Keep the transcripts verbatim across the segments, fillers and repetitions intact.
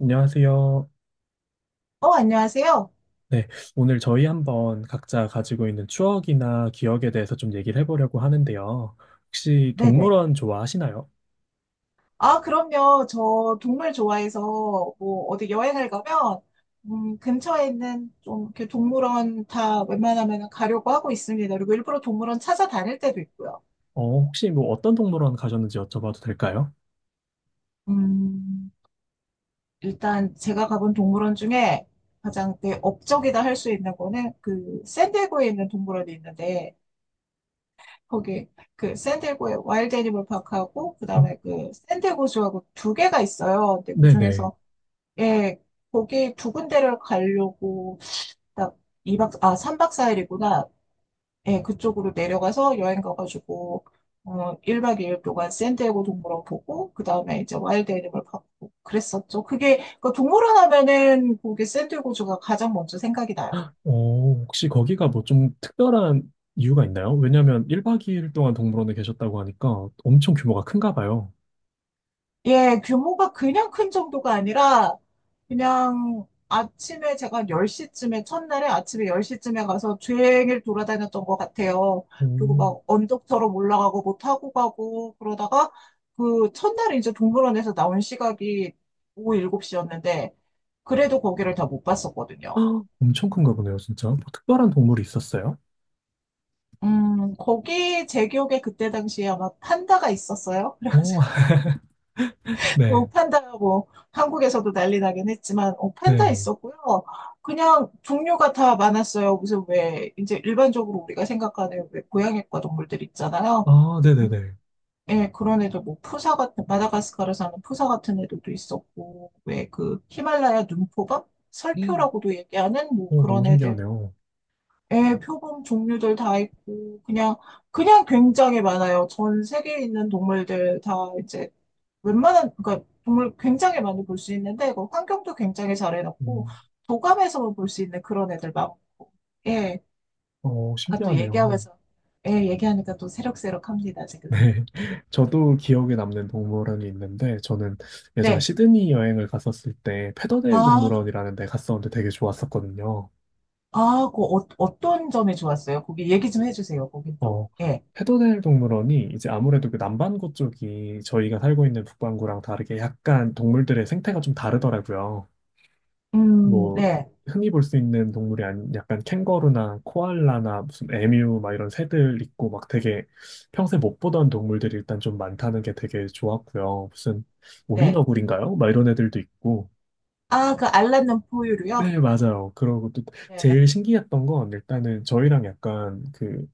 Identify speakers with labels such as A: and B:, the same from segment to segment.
A: 안녕하세요.
B: 어, 안녕하세요.
A: 네, 오늘 저희 한번 각자 가지고 있는 추억이나 기억에 대해서 좀 얘기를 해보려고 하는데요. 혹시
B: 네네.
A: 동물원 좋아하시나요?
B: 아, 그럼요. 저 동물 좋아해서 뭐 어디 여행을 가면 음, 근처에 있는 좀 이렇게 동물원 다 웬만하면 가려고 하고 있습니다. 그리고 일부러 동물원 찾아다닐 때도 있고요.
A: 어, 혹시 뭐 어떤 동물원 가셨는지 여쭤봐도 될까요?
B: 음, 일단 제가 가본 동물원 중에 가장 내 업적이다 할 수 있는 거는 그 샌디에고에 있는 동물원이 있는데, 거기 그 샌디에고에 와일드 애니멀 파크하고
A: 어,
B: 그다음에 그 샌디에고주하고 두 개가 있어요. 근데
A: 네네.
B: 그중에서 예, 거기 두 군데를 가려고 딱 이박 아, 삼 박 사 일이구나. 예, 그쪽으로 내려가서 여행 가가지고, 어, 일 박 이 일 동안 샌디에고 동물원 보고, 그 다음에 이제 와일드 애니멀 파크 보고 그랬었죠. 그게, 그 동물원 하면은 거기 샌디에고주가 가장 먼저 생각이 나요.
A: 어, 혹시 거기가 뭐 좀 특별한 이유가 있나요? 왜냐면 일 박 이 일 동안 동물원에 계셨다고 하니까 엄청 규모가 큰가 봐요.
B: 예, 규모가 그냥 큰 정도가 아니라 그냥 아침에 제가 열 시쯤에 첫날에 아침에 열 시쯤에 가서 종일 돌아다녔던 것 같아요. 그리고
A: 오,
B: 막 언덕처럼 올라가고 뭐 타고 가고 그러다가 그 첫날에 이제 동물원에서 나온 시각이 오후 일곱 시였는데, 그래도 거기를 다 못 봤었거든요.
A: 헉, 엄청 큰가 보네요, 진짜. 뭐 특별한 동물이 있었어요?
B: 음, 거기 제 기억에 그때 당시에 아마 판다가 있었어요.
A: 오, 네,
B: 어, 판다, 뭐, 한국에서도 난리 나긴 했지만, 어, 판다
A: 네.
B: 있었고요. 그냥 종류가 다 많았어요. 무슨 왜, 이제 일반적으로 우리가 생각하는 왜 고양이과 동물들 있잖아요.
A: 아,
B: 음,
A: 네네네.
B: 예, 그런 애들, 뭐, 푸사 같은, 마다가스카르 사는 푸사 같은 애들도 있었고, 왜 그, 히말라야 눈표범?
A: 음,
B: 설표라고도 얘기하는 뭐
A: 오, 너무
B: 그런 애들.
A: 신기하네요.
B: 예, 표범 종류들 다 있고, 그냥, 그냥 굉장히 많아요. 전 세계에 있는 동물들 다 이제 웬만한, 그러니까 동물 굉장히 많이 볼 수 있는데, 그 환경도 굉장히 잘 해놨고,
A: 음,
B: 도감에서만 볼 수 있는 그런 애들 많고, 예.
A: 어,
B: 아, 또
A: 신기하네요.
B: 얘기하면서, 예, 얘기하니까 또 새록새록합니다, 지금.
A: 네. 저도 기억에 남는 동물원이 있는데, 저는 예전에
B: 네.
A: 시드니 여행을 갔었을 때, 페더데일
B: 아,
A: 동물원이라는 데 갔었는데 되게 좋았었거든요.
B: 아, 그 어, 어떤 점이 좋았어요? 거기 얘기 좀 해주세요, 거긴 또.
A: 어,
B: 예.
A: 페더데일 동물원이 이제 아무래도 그 남반구 쪽이 저희가 살고 있는 북반구랑 다르게 약간 동물들의 생태가 좀 다르더라고요.
B: 음,
A: 뭐
B: 네,
A: 흔히 볼 수 있는 동물이 아닌 약간 캥거루나 코알라나 무슨 에뮤 막 이런 새들 있고 막 되게 평소에 못 보던 동물들이 일단 좀 많다는 게 되게 좋았고요. 무슨
B: 네.
A: 오리너구리인가요? 막 이런 애들도 있고.
B: 아, 그 알랏는 포유류요?
A: 네, 맞아요. 그러고 또
B: 네.
A: 제일 신기했던 건 일단은 저희랑 약간 그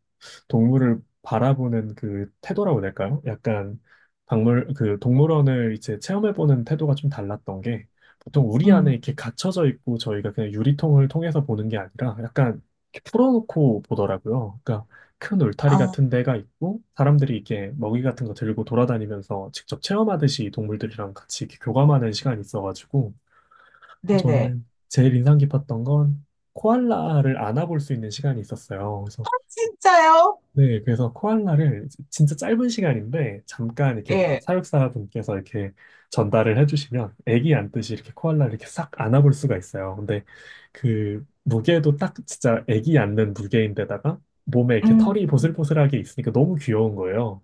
A: 동물을 바라보는 그 태도라고 해야 될까요? 약간 박물 그 동물원을 이제 체험해보는 태도가 좀 달랐던 게 보통 우리 안에
B: 음,
A: 이렇게 갇혀져 있고 저희가 그냥 유리통을 통해서 보는 게 아니라 약간 이렇게 풀어놓고 보더라고요. 그러니까 큰 울타리
B: 아,
A: 같은 데가 있고 사람들이 이렇게 먹이 같은 거 들고 돌아다니면서 직접 체험하듯이 동물들이랑 같이 이렇게 교감하는 시간이 있어가지고
B: 네네.
A: 저는 제일 인상 깊었던 건 코알라를 안아볼 수 있는 시간이 있었어요. 그래서
B: 진짜요?
A: 네, 그래서 코알라를 이제 진짜 짧은 시간인데 잠깐 이렇게
B: 예.
A: 사육사분께서 이렇게 전달을 해주시면 애기 안듯이 이렇게 코알라를 이렇게 싹 안아볼 수가 있어요. 근데 그 무게도 딱 진짜 애기 안는 무게인데다가 몸에 이렇게 털이
B: 음,
A: 보슬보슬하게 있으니까 너무 귀여운 거예요.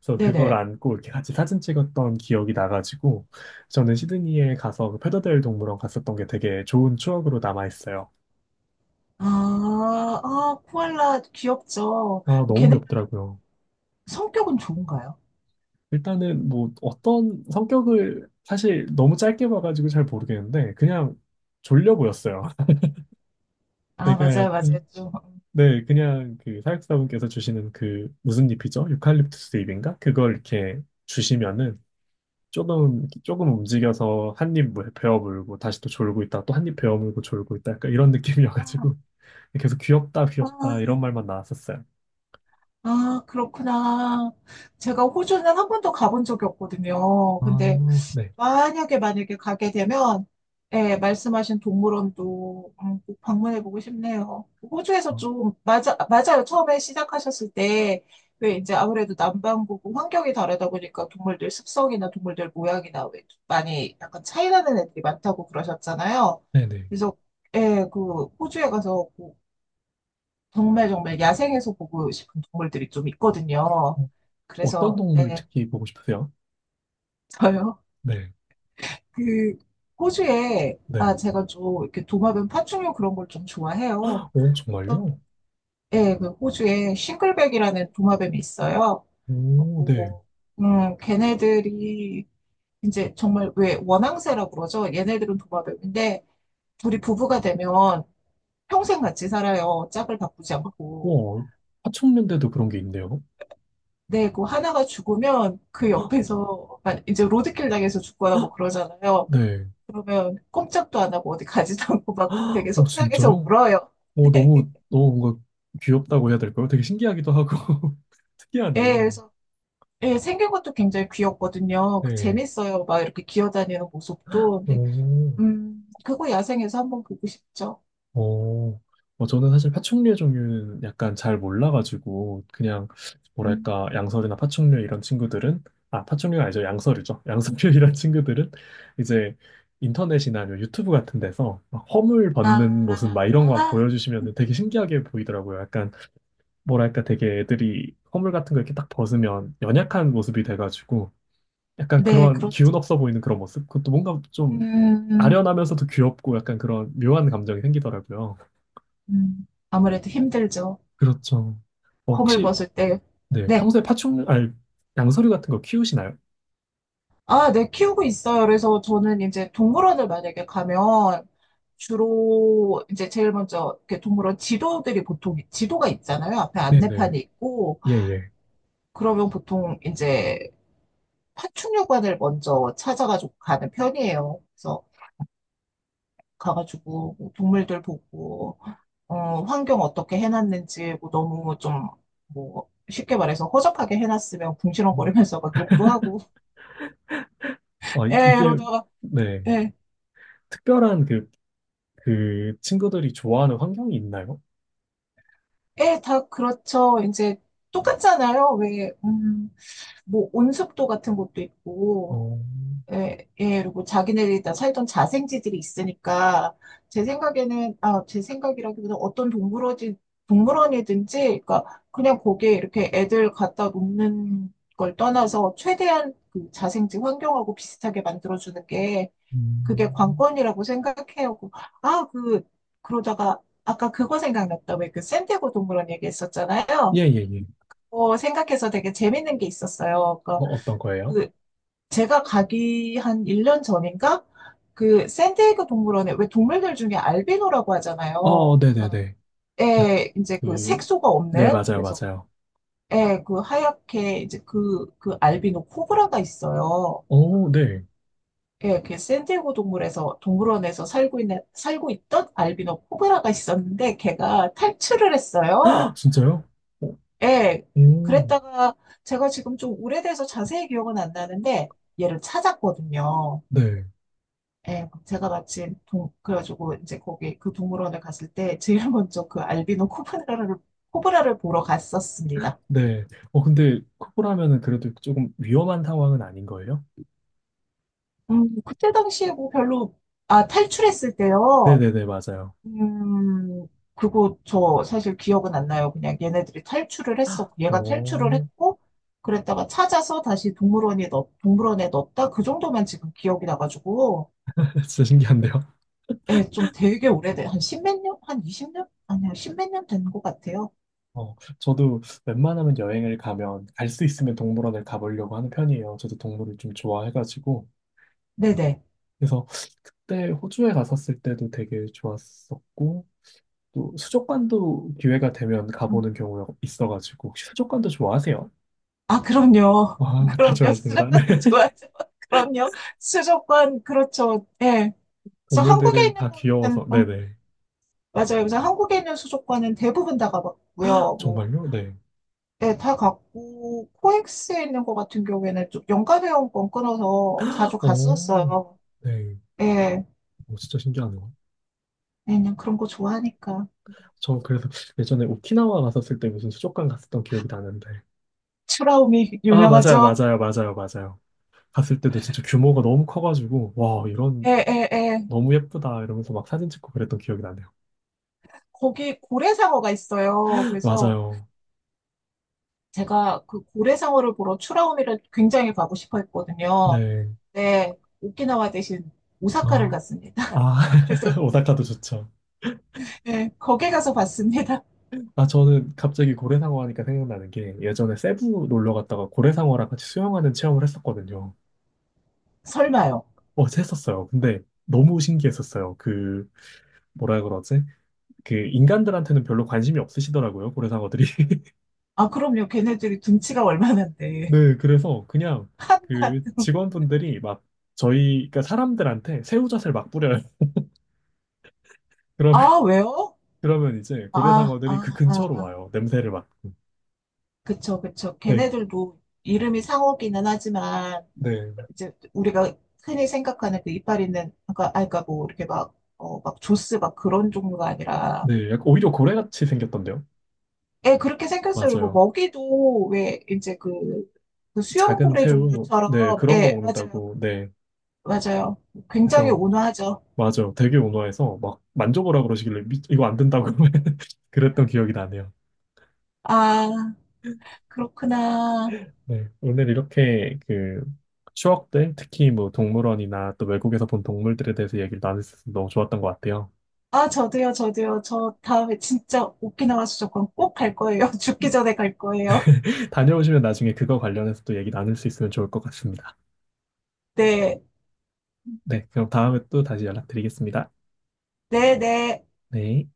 A: 그래서 그걸
B: 네네.
A: 안고 이렇게 같이 사진 찍었던 기억이 나가지고 저는 시드니에 가서 그 페더데일 동물원 갔었던 게 되게 좋은 추억으로 남아 있어요.
B: 아, 아, 코알라 귀엽죠.
A: 아, 너무
B: 걔네
A: 귀엽더라고요.
B: 성격은 좋은가요?
A: 일단은 뭐 어떤 성격을 사실 너무 짧게 봐가지고 잘 모르겠는데 그냥 졸려 보였어요.
B: 아,
A: 그러니까
B: 맞아요, 맞아요.
A: 약간
B: 좀.
A: 네 그냥 그 사육사분께서 주시는 그 무슨 잎이죠? 유칼립투스 잎인가? 그걸 이렇게 주시면은 조금 조금 움직여서 한입 베어 물고 다시 또 졸고 있다 또 한입 베어 물고 졸고 있다 약간 이런 느낌이어가지고 계속 귀엽다 귀엽다 이런
B: 아,
A: 말만 나왔었어요.
B: 아, 그렇구나. 제가 호주는 한 번도 가본 적이 없거든요. 근데
A: 아, 네.
B: 만약에 만약에 가게 되면 예, 말씀하신 동물원도 음, 꼭 방문해보고 싶네요. 호주에서
A: 어,
B: 좀 맞아 맞아요. 처음에 시작하셨을 때 왜 이제 아무래도 남반구고 환경이 다르다 보니까 동물들 습성이나 동물들 모양이나 왜 많이 약간 차이 나는 애들이 많다고 그러셨잖아요.
A: 네네.
B: 그래서 예, 그 호주에 가서 꼭 정말 정말 야생에서 보고 싶은 동물들이 좀 있거든요.
A: 어, 어떤
B: 그래서
A: 동물
B: 예,
A: 특히 보고 싶으세요?
B: 저요.
A: 네.
B: 그 호주에
A: 네.
B: 아 제가 좀 이렇게 도마뱀 파충류 그런 걸 좀 좋아해요.
A: 오,
B: 그래서
A: 정말요?
B: 예, 그 호주에 싱글백이라는 도마뱀이 있어요.
A: 오, 네.
B: 그리고 음 걔네들이 이제 정말 왜 원앙새라고 그러죠? 얘네들은 도마뱀인데 둘이 부부가 되면 평생 같이 살아요. 짝을 바꾸지 않고.
A: 와, 화천년대도 그런 게 있네요.
B: 네, 그 하나가 죽으면 그 옆에서 아, 이제 로드킬 당해서 죽거나 뭐 그러잖아요.
A: 네.
B: 그러면 꼼짝도 안 하고 어디 가지도 않고 막 되게
A: 오,
B: 속상해서
A: 진짜요?
B: 울어요.
A: 오, 너무, 너무 뭔가 귀엽다고 해야 될까요? 되게 신기하기도 하고,
B: 예,
A: 특이하네요.
B: 그래서 예, 생긴 것도 굉장히 귀엽거든요. 그
A: 네.
B: 재밌어요. 막 이렇게 기어다니는 모습도. 근데
A: 오.
B: 음, 그거 야생에서 한번 보고 싶죠.
A: 어, 어, 저는 사실 파충류의 종류는 약간 잘 몰라가지고, 그냥,
B: 음.
A: 뭐랄까, 양서류나 파충류 이런 친구들은, 아, 파충류가 아니죠. 양서류죠. 양서류 이런 친구들은, 이제, 인터넷이나 아니면 유튜브 같은 데서 막 허물 벗는 모습 막
B: 아,
A: 이런 거
B: 아,
A: 보여주시면 되게 신기하게 보이더라고요. 약간, 뭐랄까, 되게 애들이 허물 같은 거 이렇게 딱 벗으면 연약한 모습이 돼가지고, 약간
B: 네,
A: 그런 기운
B: 그렇죠.
A: 없어 보이는 그런 모습? 그것도 뭔가 좀
B: 음,
A: 아련하면서도 귀엽고 약간 그런 묘한 감정이 생기더라고요.
B: 음, 아무래도 힘들죠.
A: 그렇죠. 어,
B: 홈을
A: 혹시
B: 벗을 때.
A: 네,
B: 네.
A: 평소에 파충류, 아니, 양서류 같은 거 키우시나요?
B: 아, 네, 키우고 있어요. 그래서 저는 이제 동물원을 만약에 가면 주로 이제 제일 먼저 이렇게 동물원 지도들이 보통 지도가 있잖아요. 앞에
A: 네네.
B: 안내판이 있고,
A: 예, 예.
B: 그러면 보통 이제 파충류관을 먼저 찾아가지고 가는 편이에요. 그래서 가가지고 뭐 동물들 보고 어, 환경 어떻게 해놨는지 뭐 너무 좀 뭐 쉽게 말해서 허접하게 해놨으면
A: 음.
B: 궁시렁거리면서 막 욕도 하고
A: 아, 이-
B: 에
A: 이게,
B: 이러다가
A: 네.
B: 에,
A: 특별한 그, 그 친구들이 좋아하는 환경이 있나요?
B: 에, 다 그렇죠. 이제 똑같잖아요. 왜, 음, 뭐 온습도 같은 것도 있고
A: 어,
B: 예, 예, 그리고 자기네들이 다 살던 자생지들이 있으니까, 제 생각에는, 아, 제 생각이라기보다 어떤 동물원이, 동물원이든지, 그러니까 그냥 거기에 이렇게 애들 갖다 놓는 걸 떠나서 최대한 그 자생지 환경하고 비슷하게 만들어주는 게, 그게
A: 음.
B: 관건이라고 생각해요. 그- 아, 그, 그러다가, 아까 그거 생각났다. 왜 그 샌디에고 동물원 얘기했었잖아요.
A: 예, 예, 예.
B: 어, 생각해서 되게 재밌는 게 있었어요.
A: 어,
B: 그러니까
A: 어떤 거예요?
B: 그 제가 가기 한 일 년 전인가? 그 샌디에이고 동물원에 왜 동물들 중에 알비노라고
A: 어,
B: 하잖아요. 그러니까
A: 네네네. 야,
B: 예, 이제 그
A: 그,
B: 색소가
A: 네,
B: 없는,
A: 맞아요,
B: 그래서
A: 맞아요.
B: 애 그 하얗게 이제 그 그 알비노 코브라가 있어요.
A: 어, 네.
B: 예, 그 샌디에이고 동물에서 동물원에서 살고 있는 살고 있던 알비노 코브라가 있었는데, 걔가 탈출을 했어요.
A: 진짜요? 어,
B: 예.
A: 오,
B: 그랬다가 제가 지금 좀 오래돼서 자세히 기억은 안 나는데 얘를 찾았거든요.
A: 네,
B: 예, 제가 마침 동, 그래가지고 이제 거기 그 동물원에 갔을 때 제일 먼저 그 알비노 코브라를, 코브라를 보러 갔었습니다.
A: 네. 어, 근데 코뿔하면은 그래도 조금 위험한 상황은 아닌 거예요?
B: 음, 그때 당시에 뭐 별로, 아, 탈출했을 때요.
A: 네네네, 맞아요.
B: 음, 그거 저 사실 기억은 안 나요. 그냥 얘네들이 탈출을 했어. 얘가 탈출을
A: 오,
B: 했고, 그랬다가 찾아서 다시 동물원에 넣, 동물원에 넣었다. 그 정도만 지금 기억이 나가지고,
A: 진짜 신기한데요?
B: 예, 좀 되게 오래돼. 한 십몇 년? 한 이십 년 아니야, 십몇 년 된 것 같아요.
A: 어, 저도 웬만하면 여행을 가면 갈 수 있으면 동물원을 가보려고 하는 편이에요. 저도 동물을 좀 좋아해가지고.
B: 네네.
A: 그래서 그때 호주에 갔었을 때도 되게 좋았었고, 또 수족관도 기회가 되면
B: 음,
A: 가보는 경우가 있어가지고, 혹시 수족관도 좋아하세요?
B: 아, 그럼요.
A: 와, 다
B: 그럼요.
A: 좋아하시는구나. 네.
B: 수족관도 좋아하죠. 그럼요. 수족관, 그렇죠. 예. 그래서 한국에
A: 동물들은
B: 있는
A: 다
B: 거는,
A: 귀여워서,
B: 음,
A: 네네.
B: 맞아요. 그래서 한국에 있는 수족관은 대부분 다 가봤고요. 뭐,
A: 정말요? 네.
B: 예, 다 갔고, 코엑스에 있는 거 같은 경우에는 좀 연간 회원권 끊어서 자주
A: 오,
B: 갔었어요.
A: 네.
B: 예.
A: 오, 진짜 신기하네요.
B: 왜냐면 그런 거 좋아하니까.
A: 저 그래서 예전에 오키나와 갔었을 때 무슨 수족관 갔었던 기억이 나는데,
B: 추라우미
A: 아, 맞아요,
B: 유명하죠?
A: 맞아요, 맞아요, 맞아요. 갔을 때도 진짜 규모가 너무 커가지고, 와,
B: 예,
A: 이런,
B: 예, 예.
A: 너무 예쁘다, 이러면서 막 사진 찍고 그랬던 기억이 나네요.
B: 거기 고래상어가 있어요. 그래서
A: 맞아요.
B: 제가 그 고래상어를 보러 추라우미를 굉장히 가고 싶어 했거든요.
A: 네.
B: 네, 오키나와 대신 오사카를
A: 어.
B: 갔습니다.
A: 아,
B: 그래서
A: 오사카도 좋죠.
B: 예, 거기 가서 봤습니다.
A: 아, 저는 갑자기 고래상어 하니까 생각나는 게, 예전에 세부 놀러 갔다가 고래상어랑 같이 수영하는 체험을 했었거든요.
B: 설마요.
A: 어, 했었어요. 근데 너무 신기했었어요. 그, 뭐라 그러지? 그, 인간들한테는 별로 관심이 없으시더라고요, 고래상어들이.
B: 아, 그럼요. 걔네들이 둔치가 얼마나인데.
A: 네, 그래서 그냥
B: 한낱.
A: 그 직원분들이 막 저희, 그러니까 사람들한테 새우젓을 막 뿌려요. 그러면,
B: 아, 왜요?
A: 그러면 이제
B: 아,
A: 고래상어들이 그
B: 아, 아,
A: 근처로
B: 아.
A: 와요. 냄새를 맡고.
B: 그쵸, 그쵸.
A: 네,
B: 걔네들도 이름이 상어기는 하지만
A: 네,
B: 이제 우리가 흔히 생각하는 그 이빨 있는, 그러니까 아까 뭐 이렇게 막 어, 막 조스 막 그런 종류가 아니라
A: 네. 약간 오히려 고래같이 생겼던데요.
B: 예, 그렇게 생겼어요. 그리고
A: 맞아요.
B: 먹이도 왜 이제 그, 그
A: 작은
B: 수염고래
A: 새우, 뭐, 네,
B: 종류처럼,
A: 그런 거
B: 예, 맞아요.
A: 먹는다고, 네.
B: 맞아요. 굉장히
A: 그래서,
B: 온화하죠.
A: 맞아요. 되게 온화해서 막 만져보라 그러시길래 미- 이거 안 된다고 그랬던 기억이 나네요.
B: 아, 그렇구나.
A: 네, 오늘 이렇게 그 추억들, 특히 뭐 동물원이나 또 외국에서 본 동물들에 대해서 얘기를 나눌 수 있어서 너무 좋았던 것 같아요.
B: 아, 저도요, 저도요. 저 다음에 진짜 오키나와 수족관 꼭 갈 거예요. 죽기 전에 갈 거예요.
A: 다녀오시면 나중에 그거 관련해서 또 얘기 나눌 수 있으면 좋을 것 같습니다.
B: 네,
A: 네, 그럼 다음에 또 다시 연락드리겠습니다.
B: 네, 네.
A: 네.